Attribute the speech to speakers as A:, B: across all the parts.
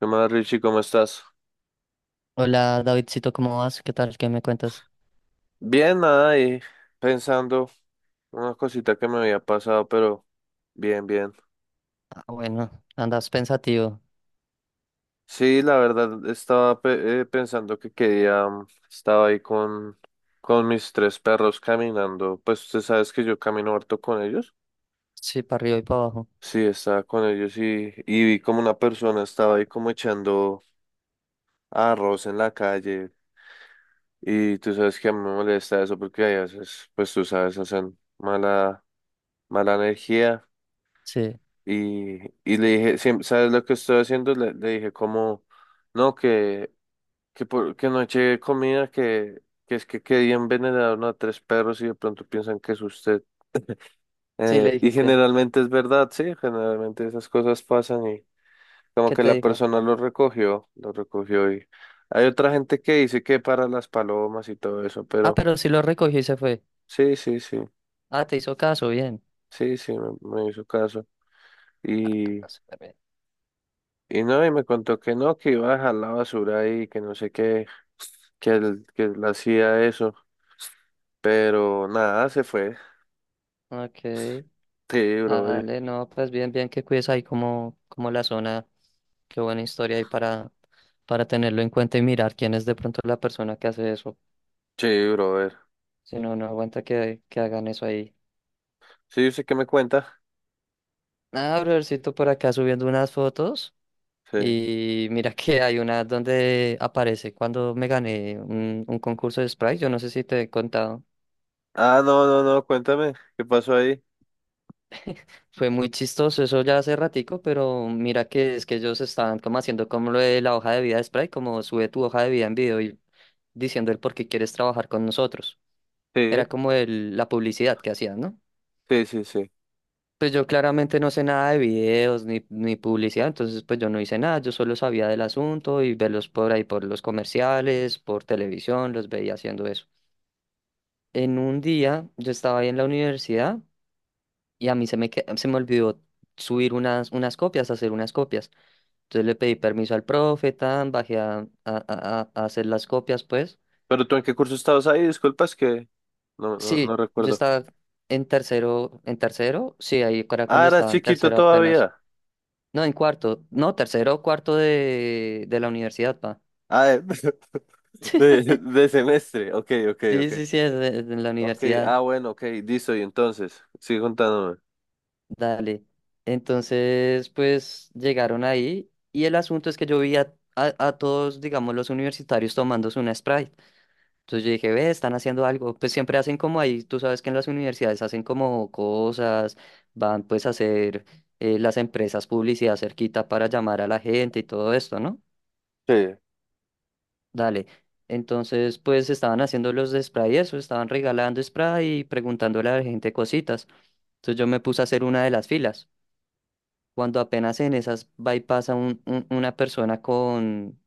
A: ¿Qué más, Richie? ¿Cómo estás?
B: Hola Davidcito, ¿cómo vas? ¿Qué tal? ¿Qué me cuentas?
A: Bien, nada, y pensando una cosita que me había pasado, pero bien, bien.
B: Ah, bueno, andas pensativo.
A: Sí, la verdad, estaba pensando que quería, estaba ahí con mis tres perros caminando, pues usted sabes que yo camino harto con ellos.
B: Sí, para arriba y para abajo.
A: Sí, estaba con ellos y vi como una persona estaba ahí como echando arroz en la calle y tú sabes que a mí me molesta eso porque a veces, pues tú sabes, hacen mala, mala energía.
B: Sí.
A: Y, y le dije, ¿Sabes lo que estoy haciendo?" Le dije como, no, que no eché comida, que es que quería envenenar a tres perros y de pronto piensan que es usted.
B: Sí, le
A: Y
B: dijiste.
A: generalmente es verdad, sí, generalmente esas cosas pasan y como
B: ¿Qué
A: que
B: te
A: la
B: dijo?
A: persona lo recogió y hay otra gente que dice que para las palomas y todo eso,
B: Ah,
A: pero
B: pero sí lo recogió y se fue.
A: sí, sí, sí,
B: Ah, te hizo caso, bien.
A: sí, sí, me hizo caso. Y,
B: Ah, súper bien.
A: y no, y me contó que no, que iba a dejar la basura ahí, que no sé qué, que él hacía eso, pero nada, se fue.
B: Ok.
A: Sí, brother.
B: Dale, no, pues bien, bien que cuides ahí como, como la zona. Qué buena historia ahí para tenerlo en cuenta y mirar quién es de pronto la persona que hace eso.
A: Sí, brother.
B: Si no, no aguanta que hagan eso ahí.
A: Sí, ¿usted qué me cuenta?
B: Ah, brothercito, por acá subiendo unas fotos.
A: Sí.
B: Y mira que hay una donde aparece cuando me gané un concurso de Sprite, yo no sé si te he contado.
A: Ah, no, no, no, cuéntame, ¿qué pasó ahí?
B: Fue muy chistoso, eso ya hace ratico, pero mira que es que ellos estaban como haciendo como lo de la hoja de vida de Sprite, como sube tu hoja de vida en video y diciendo el por qué quieres trabajar con nosotros. Era
A: Sí,
B: como el, la publicidad que hacían, ¿no?
A: sí, sí, sí.
B: Pues yo claramente no sé nada de videos ni publicidad, entonces pues yo no hice nada, yo solo sabía del asunto y verlos por ahí por los comerciales, por televisión, los veía haciendo eso. En un día yo estaba ahí en la universidad y a mí se me olvidó subir unas copias, hacer unas copias. Entonces le pedí permiso al profe, tan, bajé a hacer las copias, pues.
A: ¿Pero tú en qué curso estabas ahí? Disculpas que no, no, no
B: Sí, yo
A: recuerdo.
B: estaba en tercero, sí, ahí era
A: Ah,
B: cuando
A: eras
B: estaba en
A: chiquito
B: tercero apenas.
A: todavía.
B: No, en cuarto, no, tercero o cuarto de la universidad, pa.
A: Ah, de semestre. Ok, ok,
B: Sí,
A: ok.
B: sí, sí, es de la
A: Ok,
B: universidad.
A: ah, bueno, ok, listo, y entonces, sigue contándome.
B: Dale. Entonces, pues llegaron ahí y el asunto es que yo vi a todos, digamos, los universitarios tomándose una Sprite. Entonces yo dije, ve, están haciendo algo. Pues siempre hacen como ahí, tú sabes que en las universidades hacen como cosas, van pues a hacer las empresas publicidad cerquita para llamar a la gente y todo esto, ¿no?
A: Sí,
B: Dale. Entonces, pues estaban haciendo los de Sprite eso, estaban regalando Sprite y preguntándole a la gente cositas. Entonces yo me puse a hacer una de las filas. Cuando apenas en esas va y pasa una persona con,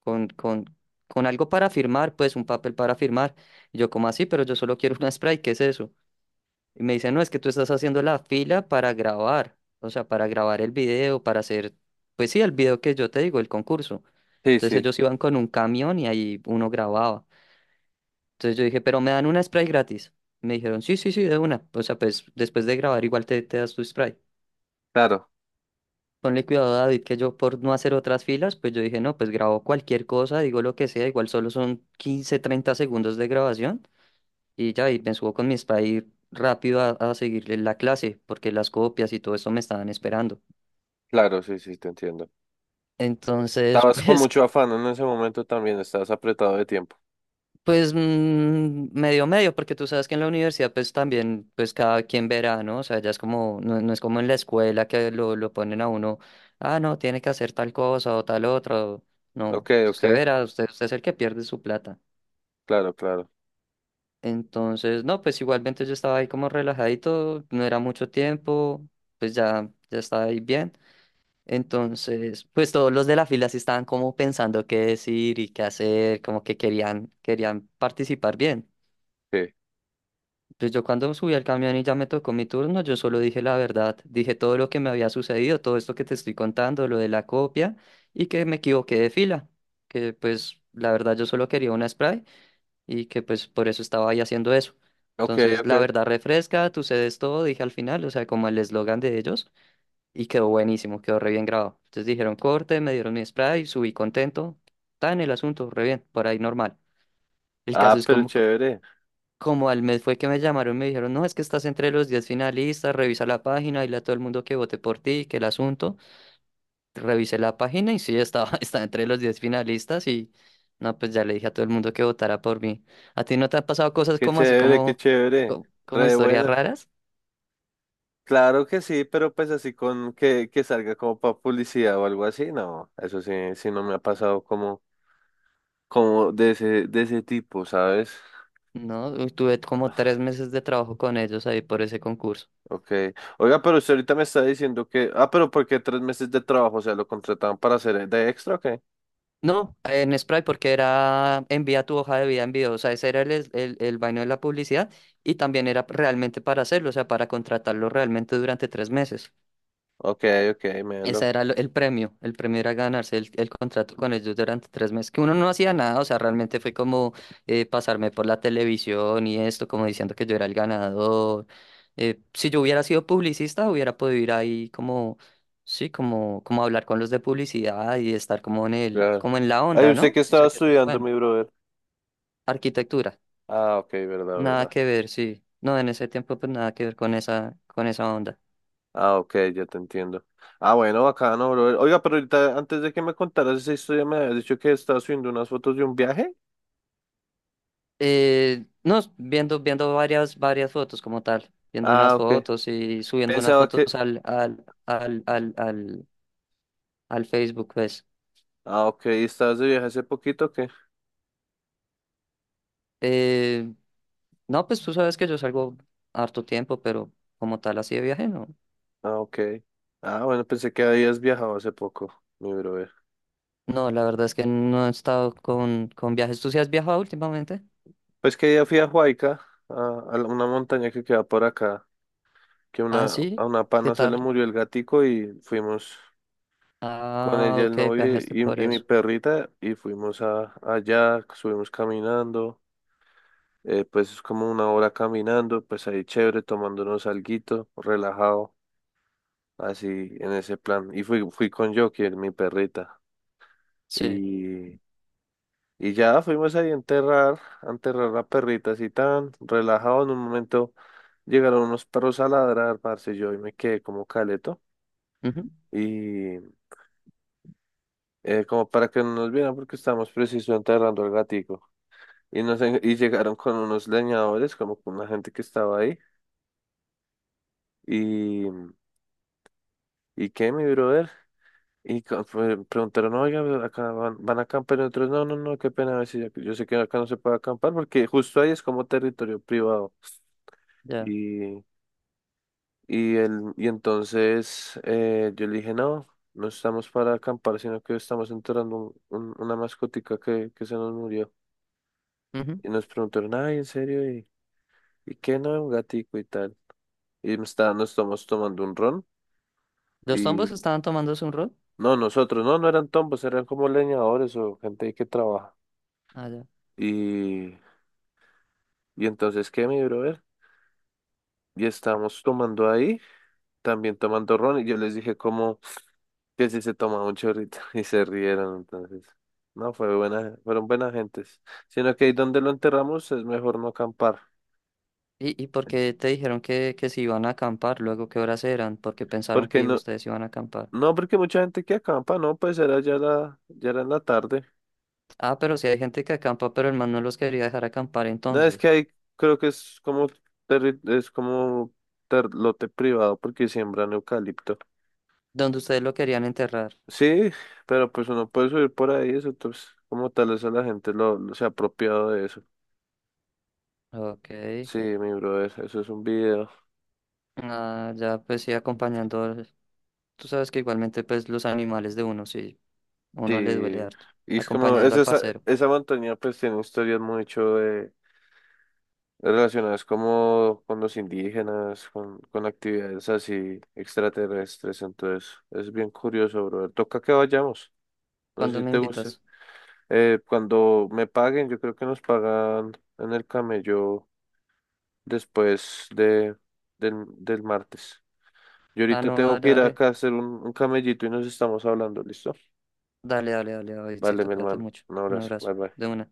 B: con, con, con algo para firmar, pues un papel para firmar. Y yo, ¿como así? Pero yo solo quiero una spray, ¿qué es eso? Y me dicen, no, es que tú estás haciendo la fila para grabar, o sea, para grabar el video, para hacer, pues sí, el video que yo te digo, el concurso.
A: sí,
B: Entonces
A: sí,
B: ellos iban con un camión y ahí uno grababa. Entonces yo dije, pero me dan una spray gratis. Me dijeron, sí, sí, sí, de una. O sea, pues después de grabar igual te das tu spray.
A: claro,
B: Ponle cuidado, David, que yo por no hacer otras filas, pues yo dije, no, pues grabo cualquier cosa, digo lo que sea, igual solo son 15, 30 segundos de grabación y ya, y me subo con mi spa y rápido a seguirle la clase, porque las copias y todo eso me estaban esperando.
A: claro, sí, sí, te entiendo.
B: Entonces,
A: Estabas con
B: pues
A: mucho afán en ese momento también, estabas apretado de tiempo.
B: pues medio medio, porque tú sabes que en la universidad pues también pues cada quien verá, ¿no? O sea, ya es como, no, no es como en la escuela que lo ponen a uno, ah, no, tiene que hacer tal cosa o tal otro. No,
A: Ok, ok,
B: usted verá, usted es el que pierde su plata.
A: claro, claro.
B: Entonces, no, pues igualmente yo estaba ahí como relajadito, no era mucho tiempo, pues ya, ya estaba ahí bien. Entonces, pues todos los de la fila sí estaban como pensando qué decir y qué hacer, como que querían, querían participar bien.
A: Sí.
B: Pues yo cuando subí al camión y ya me tocó mi turno, yo solo dije la verdad, dije todo lo que me había sucedido, todo esto que te estoy contando, lo de la copia y que me equivoqué de fila, que pues la verdad yo solo quería una spray y que pues por eso estaba ahí haciendo eso.
A: Ok,
B: Entonces la
A: ok.
B: verdad refresca, tú cedes todo, dije al final, o sea, como el eslogan de ellos y quedó buenísimo, quedó re bien grabado. Entonces dijeron corte, me dieron mi spray, subí contento, está en el asunto, re bien, por ahí normal. El caso
A: Ah,
B: es
A: pero
B: como
A: chévere,
B: como al mes fue que me llamaron, me dijeron, no, es que estás entre los 10 finalistas, revisa la página, dile a todo el mundo que vote por ti, que el asunto. Revisé la página y sí, estaba, estaba entre los 10 finalistas y no, pues ya le dije a todo el mundo que votara por mí. ¿A ti no te han pasado cosas
A: qué
B: como así,
A: chévere, qué
B: como,
A: chévere. Re de
B: historias
A: buena.
B: raras?
A: Claro que sí, pero pues así con que salga como para publicidad o algo así, no. Eso sí, sí no me ha pasado como de ese tipo, ¿sabes?
B: No, uy, tuve como 3 meses de trabajo con ellos ahí por ese concurso.
A: Ok. Oiga, pero usted ahorita me está diciendo que. ¿Ah, pero porque 3 meses de trabajo? O sea, ¿lo contrataban para hacer de extra o qué?
B: No, en Sprite porque era envía tu hoja de vida en video, o sea, ese era el, el vaino de la publicidad y también era realmente para hacerlo, o sea, para contratarlo realmente durante 3 meses.
A: Ok, ok, me.
B: Ese era el premio era ganarse el contrato con ellos durante 3 meses, que uno no hacía nada, o sea, realmente fue como pasarme por la televisión y esto, como diciendo que yo era el ganador. Si yo hubiera sido publicista, hubiera podido ir ahí como, sí, como, como hablar con los de publicidad y estar como en el,
A: Claro.
B: como en la
A: Ay,
B: onda,
A: ¿usted qué
B: ¿no? O
A: estaba
B: sea, que eso es
A: estudiando,
B: bueno.
A: mi brother?
B: Arquitectura,
A: Ah, ok, verdad,
B: nada
A: verdad.
B: que ver, sí. No, en ese tiempo pues nada que ver con esa onda.
A: Ah, ok, ya te entiendo. Ah, bueno, bacano, brother. Oiga, pero ahorita, antes de que me contaras esa historia, me habías dicho que estabas subiendo unas fotos de un viaje.
B: No, viendo, viendo varias, varias fotos como tal, viendo
A: Ah,
B: unas
A: ok.
B: fotos y subiendo unas
A: Pensaba que.
B: fotos al Facebook, pues.
A: Ah, ok, ¿y estabas de viaje hace poquito o qué?
B: Eh, no, pues tú sabes que yo salgo harto tiempo, pero como tal así de viaje, no.
A: Ah, ok. Ah, bueno, pensé que habías viajado hace poco, mi brother.
B: No, la verdad es que no he estado con viajes. ¿Tú sí has viajado últimamente?
A: Pues que ya fui a Huayca, a, a una montaña que queda por acá, que
B: Ah,
A: a
B: sí,
A: una
B: ¿qué
A: pana se le
B: tal?
A: murió el gatico y fuimos. Con
B: Ah,
A: ella, el
B: ok,
A: novio
B: viajaste
A: y,
B: por
A: y mi
B: eso.
A: perrita y fuimos allá, subimos caminando, pues es como una hora caminando, pues ahí chévere, tomándonos alguito, relajado, así en ese plan. Y fui con Joker, mi perrita,
B: Sí,
A: y, y ya fuimos ahí a enterrar, la perrita así tan relajado en un momento. Llegaron unos perros a ladrar, parce, yo y me quedé como caleto
B: ujú,
A: y como para que no nos vieran porque estábamos preciso enterrando al gatico. Y llegaron con unos leñadores, como con la gente que estaba ahí. Y, ¿Y qué, mi brother? Y preguntaron, oiga, pero acá van a acampar. Y otros, no, no, no, qué pena. A ver si ya- Yo sé que acá no se puede acampar porque justo ahí es como territorio privado.
B: ya.
A: Y, y entonces yo le dije, no, no estamos para acampar, sino que estamos enterrando una mascotica que se nos murió.
B: Ujú.
A: Y nos preguntaron, ay, ¿en serio? ¿Y qué no? Un gatico y tal. Y nos estamos tomando un ron.
B: ¿Los
A: Y
B: tombos estaban tomándose un rol?
A: no, nosotros, no, no eran tombos, eran como leñadores o gente que trabaja. Y, y entonces, ¿qué, mi brother? Y estábamos tomando ahí, también tomando ron, y yo les dije como que si se tomaba un chorrito, y se rieron, entonces. No, fue buena, fueron buenas gentes. Sino que ahí donde lo enterramos es mejor no acampar.
B: Y por qué te dijeron que si iban a acampar? Luego, ¿qué horas eran? Porque pensaron
A: Porque
B: que
A: no,
B: ustedes iban a acampar.
A: no, porque mucha gente que acampa, no, pues era ya ya era en la tarde.
B: Ah, pero si hay gente que acampa, pero el man no los quería dejar acampar
A: No, es que
B: entonces.
A: ahí creo que es como, es como lote privado porque siembran eucalipto.
B: Dónde ustedes lo querían enterrar.
A: Sí, pero pues uno puede subir por ahí, eso pues como tal eso la gente se ha apropiado de eso.
B: Ok.
A: Sí, mi brother, eso es un video.
B: Ah, ya pues sí, acompañando. Al- Tú sabes que igualmente pues los animales de uno, sí, uno le duele
A: Sí,
B: harto.
A: y es como,
B: Acompañando al parcero.
A: esa montaña pues tiene historias mucho de, relacionadas como con los indígenas, con actividades así extraterrestres, entonces es bien curioso, brother. Toca que vayamos, no sé
B: ¿Cuándo
A: si
B: me
A: te gusta.
B: invitas?
A: Cuando me paguen, yo creo que nos pagan en el camello después del martes. Yo
B: Ah,
A: ahorita
B: no,
A: tengo
B: dale,
A: que ir
B: dale.
A: acá a hacer un camellito y nos estamos hablando, ¿listo?
B: Dale, dale, dale,
A: Vale,
B: Davidcito,
A: mi
B: cuídate
A: hermano.
B: mucho.
A: Un
B: Un
A: abrazo.
B: abrazo.
A: Bye bye.
B: De una.